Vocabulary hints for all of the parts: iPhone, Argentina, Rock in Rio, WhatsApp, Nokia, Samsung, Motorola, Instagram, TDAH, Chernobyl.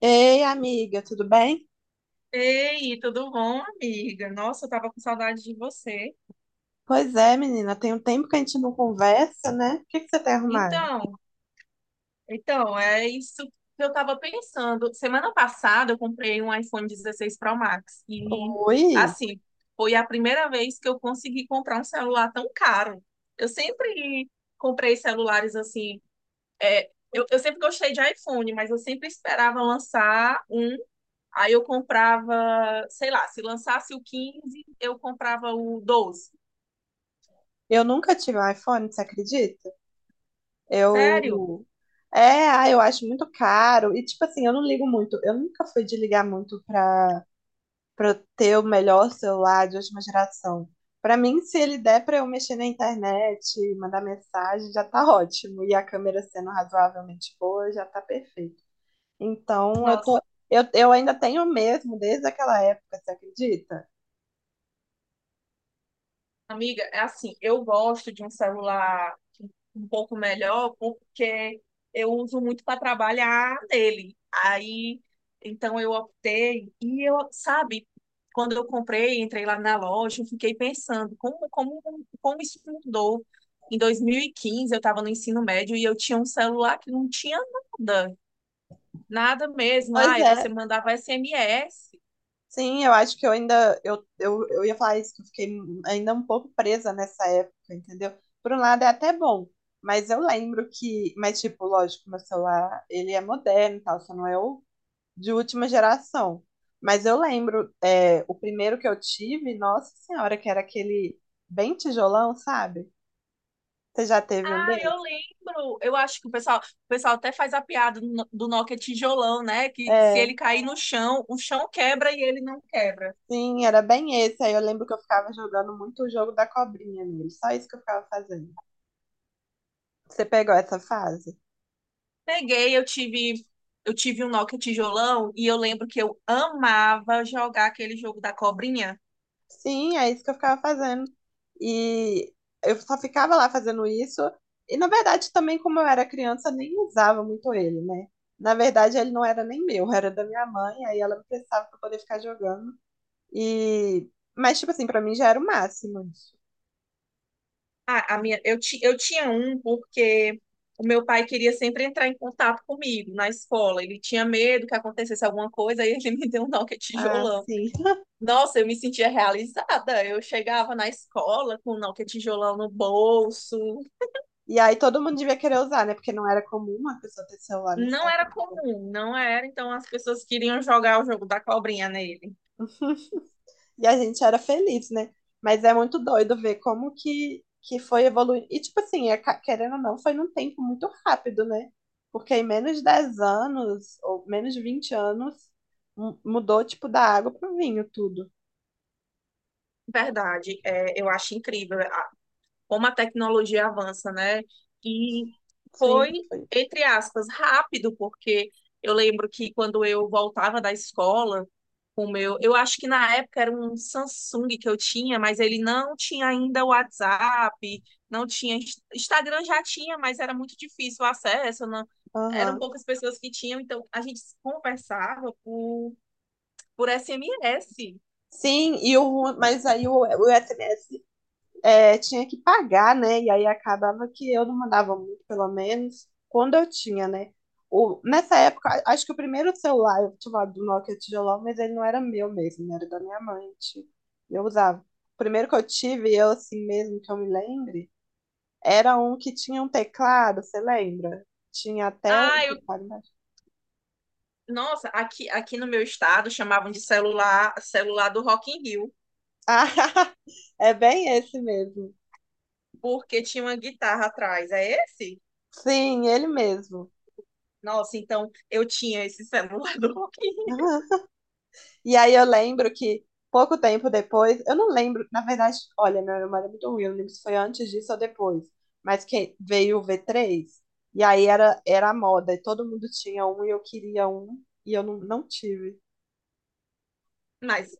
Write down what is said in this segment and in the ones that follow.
Ei, amiga, tudo bem? Ei, tudo bom, amiga? Nossa, eu tava com saudade de você. Pois é, menina, tem um tempo que a gente não conversa, né? O que que você tem arrumado? Então, então, é isso que eu tava pensando. Semana passada eu comprei um iPhone 16 Pro Max e Oi, assim, foi a primeira vez que eu consegui comprar um celular tão caro. Eu sempre comprei celulares assim, eu sempre gostei de iPhone, mas eu sempre esperava lançar um, aí eu comprava, sei lá, se lançasse o 15, eu comprava o 12. eu nunca tive um iPhone, você acredita? Sério? Eu. É, eu acho muito caro. E, tipo assim, eu não ligo muito. Eu nunca fui de ligar muito pra eu ter o melhor celular de última geração. Pra mim, se ele der pra eu mexer na internet, mandar mensagem, já tá ótimo. E a câmera sendo razoavelmente boa, já tá perfeito. Então, Nossa. eu ainda tenho mesmo desde aquela época, você acredita? Amiga, é assim, eu gosto de um celular um pouco melhor porque eu uso muito para trabalhar nele. Aí, então eu optei e eu, sabe, quando eu comprei, entrei lá na loja, eu fiquei pensando como isso mudou. Em 2015 eu estava no ensino médio e eu tinha um celular que não tinha nada, nada mesmo. Ah, Pois você é, mandava SMS. sim, eu acho que eu ia falar isso, que eu fiquei ainda um pouco presa nessa época, entendeu? Por um lado é até bom, mas mas tipo, lógico, meu celular, ele é moderno e tal, só não é o de última geração. Mas eu lembro, o primeiro que eu tive, nossa senhora, que era aquele bem tijolão, sabe? Você já teve um Ah, eu desses? lembro. Eu acho que o pessoal até faz a piada do no- do Nokia tijolão, né? Que se É. ele cair no chão, o chão quebra e ele não quebra. Sim, era bem esse. Aí eu lembro que eu ficava jogando muito o jogo da cobrinha nele. Só isso que eu ficava fazendo. Você pegou essa fase? Peguei, eu tive um Nokia tijolão e eu lembro que eu amava jogar aquele jogo da cobrinha. Sim, é isso que eu ficava fazendo. E eu só ficava lá fazendo isso. E na verdade, também, como eu era criança, nem usava muito ele, né? Na verdade, ele não era nem meu, era da minha mãe. Aí ela me prestava pra poder ficar jogando. E... mas, tipo assim, pra mim já era o máximo isso. Ah, a minha, eu, ti, eu tinha um porque o meu pai queria sempre entrar em contato comigo na escola. Ele tinha medo que acontecesse alguma coisa e ele me deu um Nokia Ah, tijolão. sim. Nossa, eu me sentia realizada. Eu chegava na escola com o Nokia tijolão no bolso. E aí todo mundo devia querer usar, né? Porque não era comum uma pessoa ter celular nessa Não era época. comum, não era. Então as pessoas queriam jogar o jogo da cobrinha nele. E a gente era feliz, né? Mas é muito doido ver como que foi evoluindo. E, tipo assim, é querendo ou não, foi num tempo muito rápido, né? Porque em menos de 10 anos, ou menos de 20 anos, mudou, tipo, da água pro vinho tudo. Verdade, eu acho incrível. Como a tecnologia avança, né? E Sim, foi, foi. entre aspas, rápido, porque eu lembro que quando eu voltava da escola, eu acho que na época era um Samsung que eu tinha, mas ele não tinha ainda o WhatsApp, não tinha Instagram já tinha, mas era muito difícil o acesso, não, eram Aham. poucas pessoas que tinham, então a gente conversava por SMS. Sim, e o, ru- mas aí o SMS tinha que pagar, né? E aí acabava que eu não mandava muito, pelo menos, quando eu tinha, né? Nessa época, acho que o primeiro celular eu tive do Nokia tijolão, mas ele não era meu mesmo, né? Era da minha mãe. Tipo, eu usava. O primeiro que eu tive, eu assim mesmo, que eu me lembre, era um que tinha um teclado, você lembra? Tinha a tela e Ah, o eu teclado embaixo. Nossa, aqui no meu estado chamavam de celular, celular do Rock in Rio, Ah, é bem esse mesmo. porque tinha uma guitarra atrás. É esse? Sim, ele mesmo. Nossa, então eu tinha esse celular do Rock in Rio. E aí eu lembro que pouco tempo depois, eu não lembro, na verdade, olha, minha memória é muito ruim, eu não lembro se foi antes disso ou depois, mas que veio o v três e aí era a moda, e todo mundo tinha um, e eu queria um, e eu não, não tive. Mas,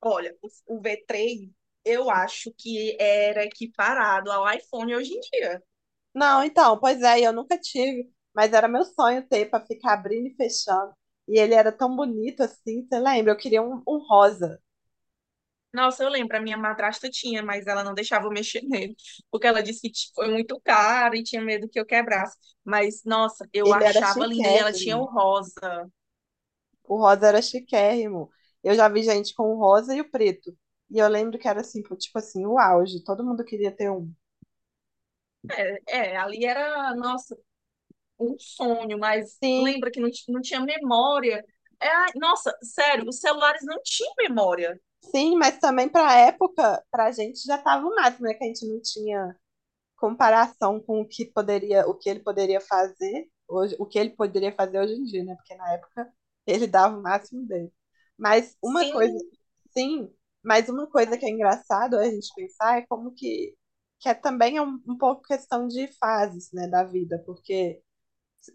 olha, o V3 eu acho que era equiparado ao iPhone hoje em dia. Não, então, pois é, eu nunca tive, mas era meu sonho ter pra ficar abrindo e fechando. E ele era tão bonito assim, você lembra? Eu queria um rosa. Nossa, eu lembro, a minha madrasta tinha, mas ela não deixava eu mexer nele, porque ela disse que foi muito caro e tinha medo que eu quebrasse. Mas, nossa, eu Ele era achava linda e ela tinha o chiquérrimo. rosa. O rosa era chiquérrimo. Eu já vi gente com o rosa e o preto. E eu lembro que era assim, pô, tipo assim, o auge. Todo mundo queria ter um. É, é, ali era, nossa, um sonho, mas Sim, lembra que não, não tinha memória. É, ai, nossa, sério, os celulares não tinham memória. sim, mas também pra época, pra gente já tava o máximo, né? Que a gente não tinha comparação com o que poderia, o que ele poderia fazer hoje em dia, né? Porque na época ele dava o máximo dele. Mas uma coisa, Sim, sim, mas uma coisa que é engraçado a gente pensar é como que é também é um pouco questão de fases, né, da vida, porque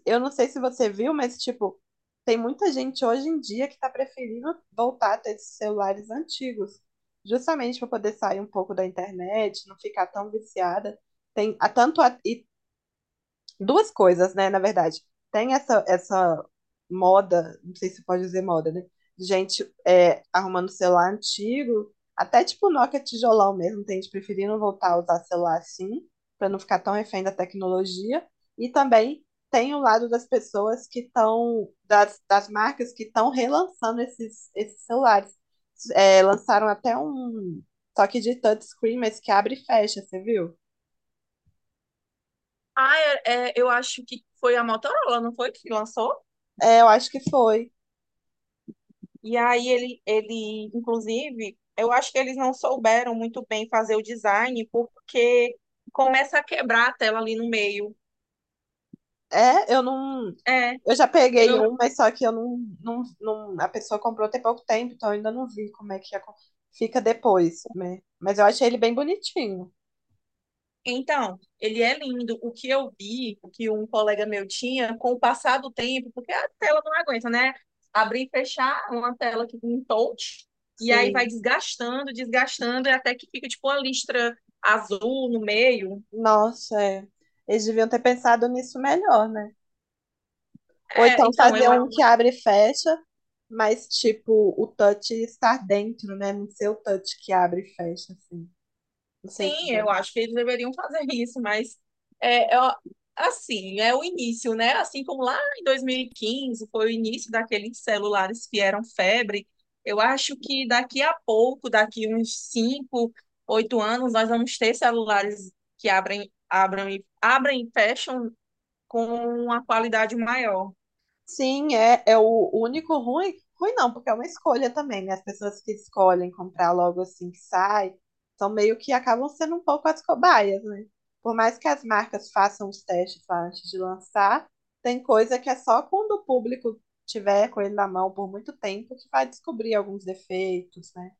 eu não sei se você viu, mas, tipo, tem muita gente hoje em dia que tá preferindo voltar a ter esses celulares antigos, justamente para poder sair um pouco da internet, não ficar tão viciada. Tem a tanto a- e duas coisas, né, na verdade. Tem essa moda, não sei se pode dizer moda, né? De gente é, arrumando celular antigo, até tipo Nokia tijolão mesmo, tem gente preferindo voltar a usar celular assim, para não ficar tão refém da tecnologia. E também tem o lado das pessoas que estão, das marcas que estão relançando esses celulares. É, lançaram até um toque de touchscreen, mas que abre e fecha, você viu? ah, eu acho que foi a Motorola, não foi, que lançou? É, eu acho que foi. E aí ele, inclusive, eu acho que eles não souberam muito bem fazer o design, porque começa a quebrar a tela ali no meio. É, eu não, É, Eu já peguei Eu, um, mas só que eu não, não, não- a pessoa comprou tem pouco tempo, então eu ainda não vi como é que fica depois, né? Mas eu achei ele bem bonitinho. então, ele é lindo. O que eu vi, o que um colega meu tinha, com o passar do tempo, porque a tela não aguenta, né? Abrir e fechar uma tela que um touch, e aí vai Sim. desgastando, desgastando, e até que fica tipo uma listra azul no meio. Nossa, é. Eles deviam ter pensado nisso melhor, né? Ou É, então então, eu fazer um que abre e fecha, mas tipo, o touch estar dentro, né? Não ser o touch que abre e fecha, assim. Não sei se Sim, eu acho que eles deveriam fazer isso, mas ó, assim, é o início, né? Assim como lá em 2015 foi o início daqueles celulares que eram febre, eu acho que daqui a pouco, daqui uns 5 8 anos, nós vamos ter celulares que abrem, abrem, abrem e fecham com uma qualidade maior. sim, é, é o único ruim. Ruim não, porque é uma escolha também, né? As pessoas que escolhem comprar logo assim que sai, são meio que acabam sendo um pouco as cobaias, né? Por mais que as marcas façam os testes lá antes de lançar, tem coisa que é só quando o público tiver com ele na mão por muito tempo que vai descobrir alguns defeitos, né?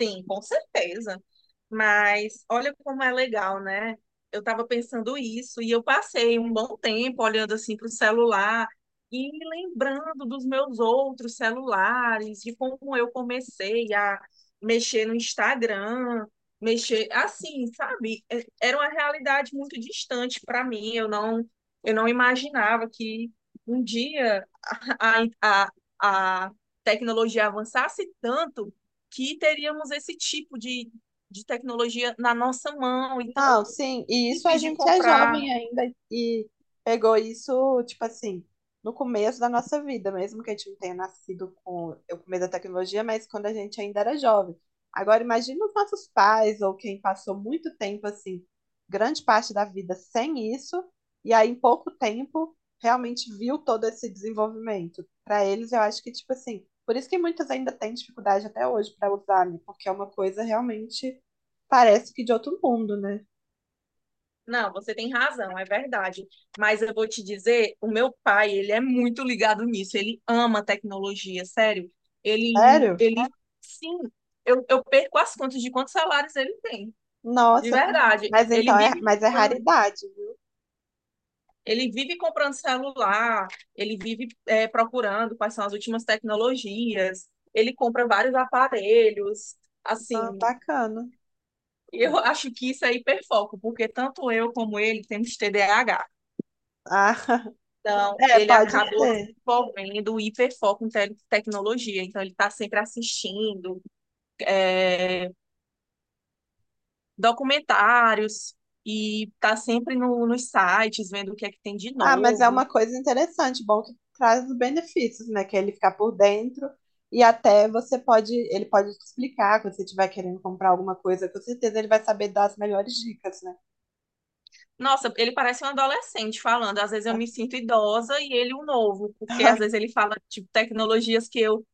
Sim, com certeza. Mas olha como é legal, né? Eu estava pensando isso e eu passei um bom tempo olhando assim para o celular e me lembrando dos meus outros celulares, de como eu comecei a mexer no Instagram, mexer assim, sabe? Era uma realidade muito distante para mim. Eu não imaginava que um dia a, a, a a tecnologia avançasse tanto que teríamos esse tipo de tecnologia na nossa mão. Então, Não, sim, e isso a simples de gente é comprar. jovem ainda e pegou isso, tipo assim, no começo da nossa vida, mesmo que a gente não tenha nascido com o começo da tecnologia, mas quando a gente ainda era jovem. Agora, imagina os nossos pais ou quem passou muito tempo, assim, grande parte da vida sem isso, e aí em pouco tempo realmente viu todo esse desenvolvimento. Para eles, eu acho que, tipo assim, por isso que muitas ainda têm dificuldade até hoje para usar, né? Porque é uma coisa realmente parece que de outro mundo, né? Não, você tem razão, é verdade. Mas eu vou te dizer, o meu pai, ele é muito ligado nisso, ele ama tecnologia, sério. Ele, Sério? ele, sim, eu perco as contas de quantos salários ele tem. De Nossa. verdade, Mas então é, mas é raridade, viu? ele vive comprando celular, ele vive procurando quais são as últimas tecnologias, ele compra vários aparelhos, assim. Ah, bacana. Eu acho que isso é hiperfoco, porque tanto eu como ele temos TDAH. Ah, Então, é, ele pode acabou ser. desenvolvendo o hiperfoco em tecnologia. Então, ele está sempre assistindo é, documentários e está sempre no, nos sites vendo o que é que tem de Ah, mas é uma novo. coisa interessante, bom que traz os benefícios, né? Que é ele ficar por dentro e até você pode, ele pode te explicar quando você estiver querendo comprar alguma coisa, com certeza ele vai saber dar as melhores dicas, né? Nossa, ele parece um adolescente falando. Às vezes eu me sinto idosa e ele um novo, porque às vezes ele fala, tipo, tecnologias que eu.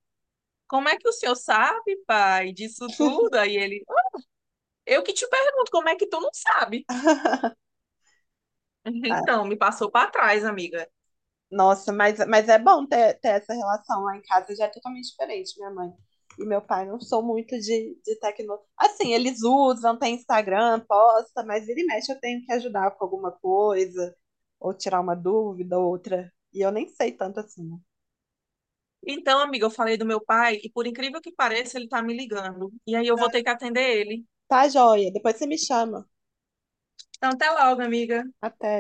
Como é que o senhor sabe, pai, disso tudo? Aí ele. Eu que te pergunto, como é que tu não sabe? Então, me passou para trás, amiga. Mas é bom ter essa relação lá em casa, já é totalmente diferente, minha mãe e meu pai não são muito de tecnologia. Assim, eles usam, tem Instagram, posta, mas vira e mexe eu tenho que ajudar com alguma coisa, ou tirar uma dúvida, ou outra. E eu nem sei tanto assim, né? Então, amiga, eu falei do meu pai e por incrível que pareça, ele tá me ligando. E aí eu vou ter que atender ele. Tá, joia, depois você me chama. Então, até logo, amiga. Até.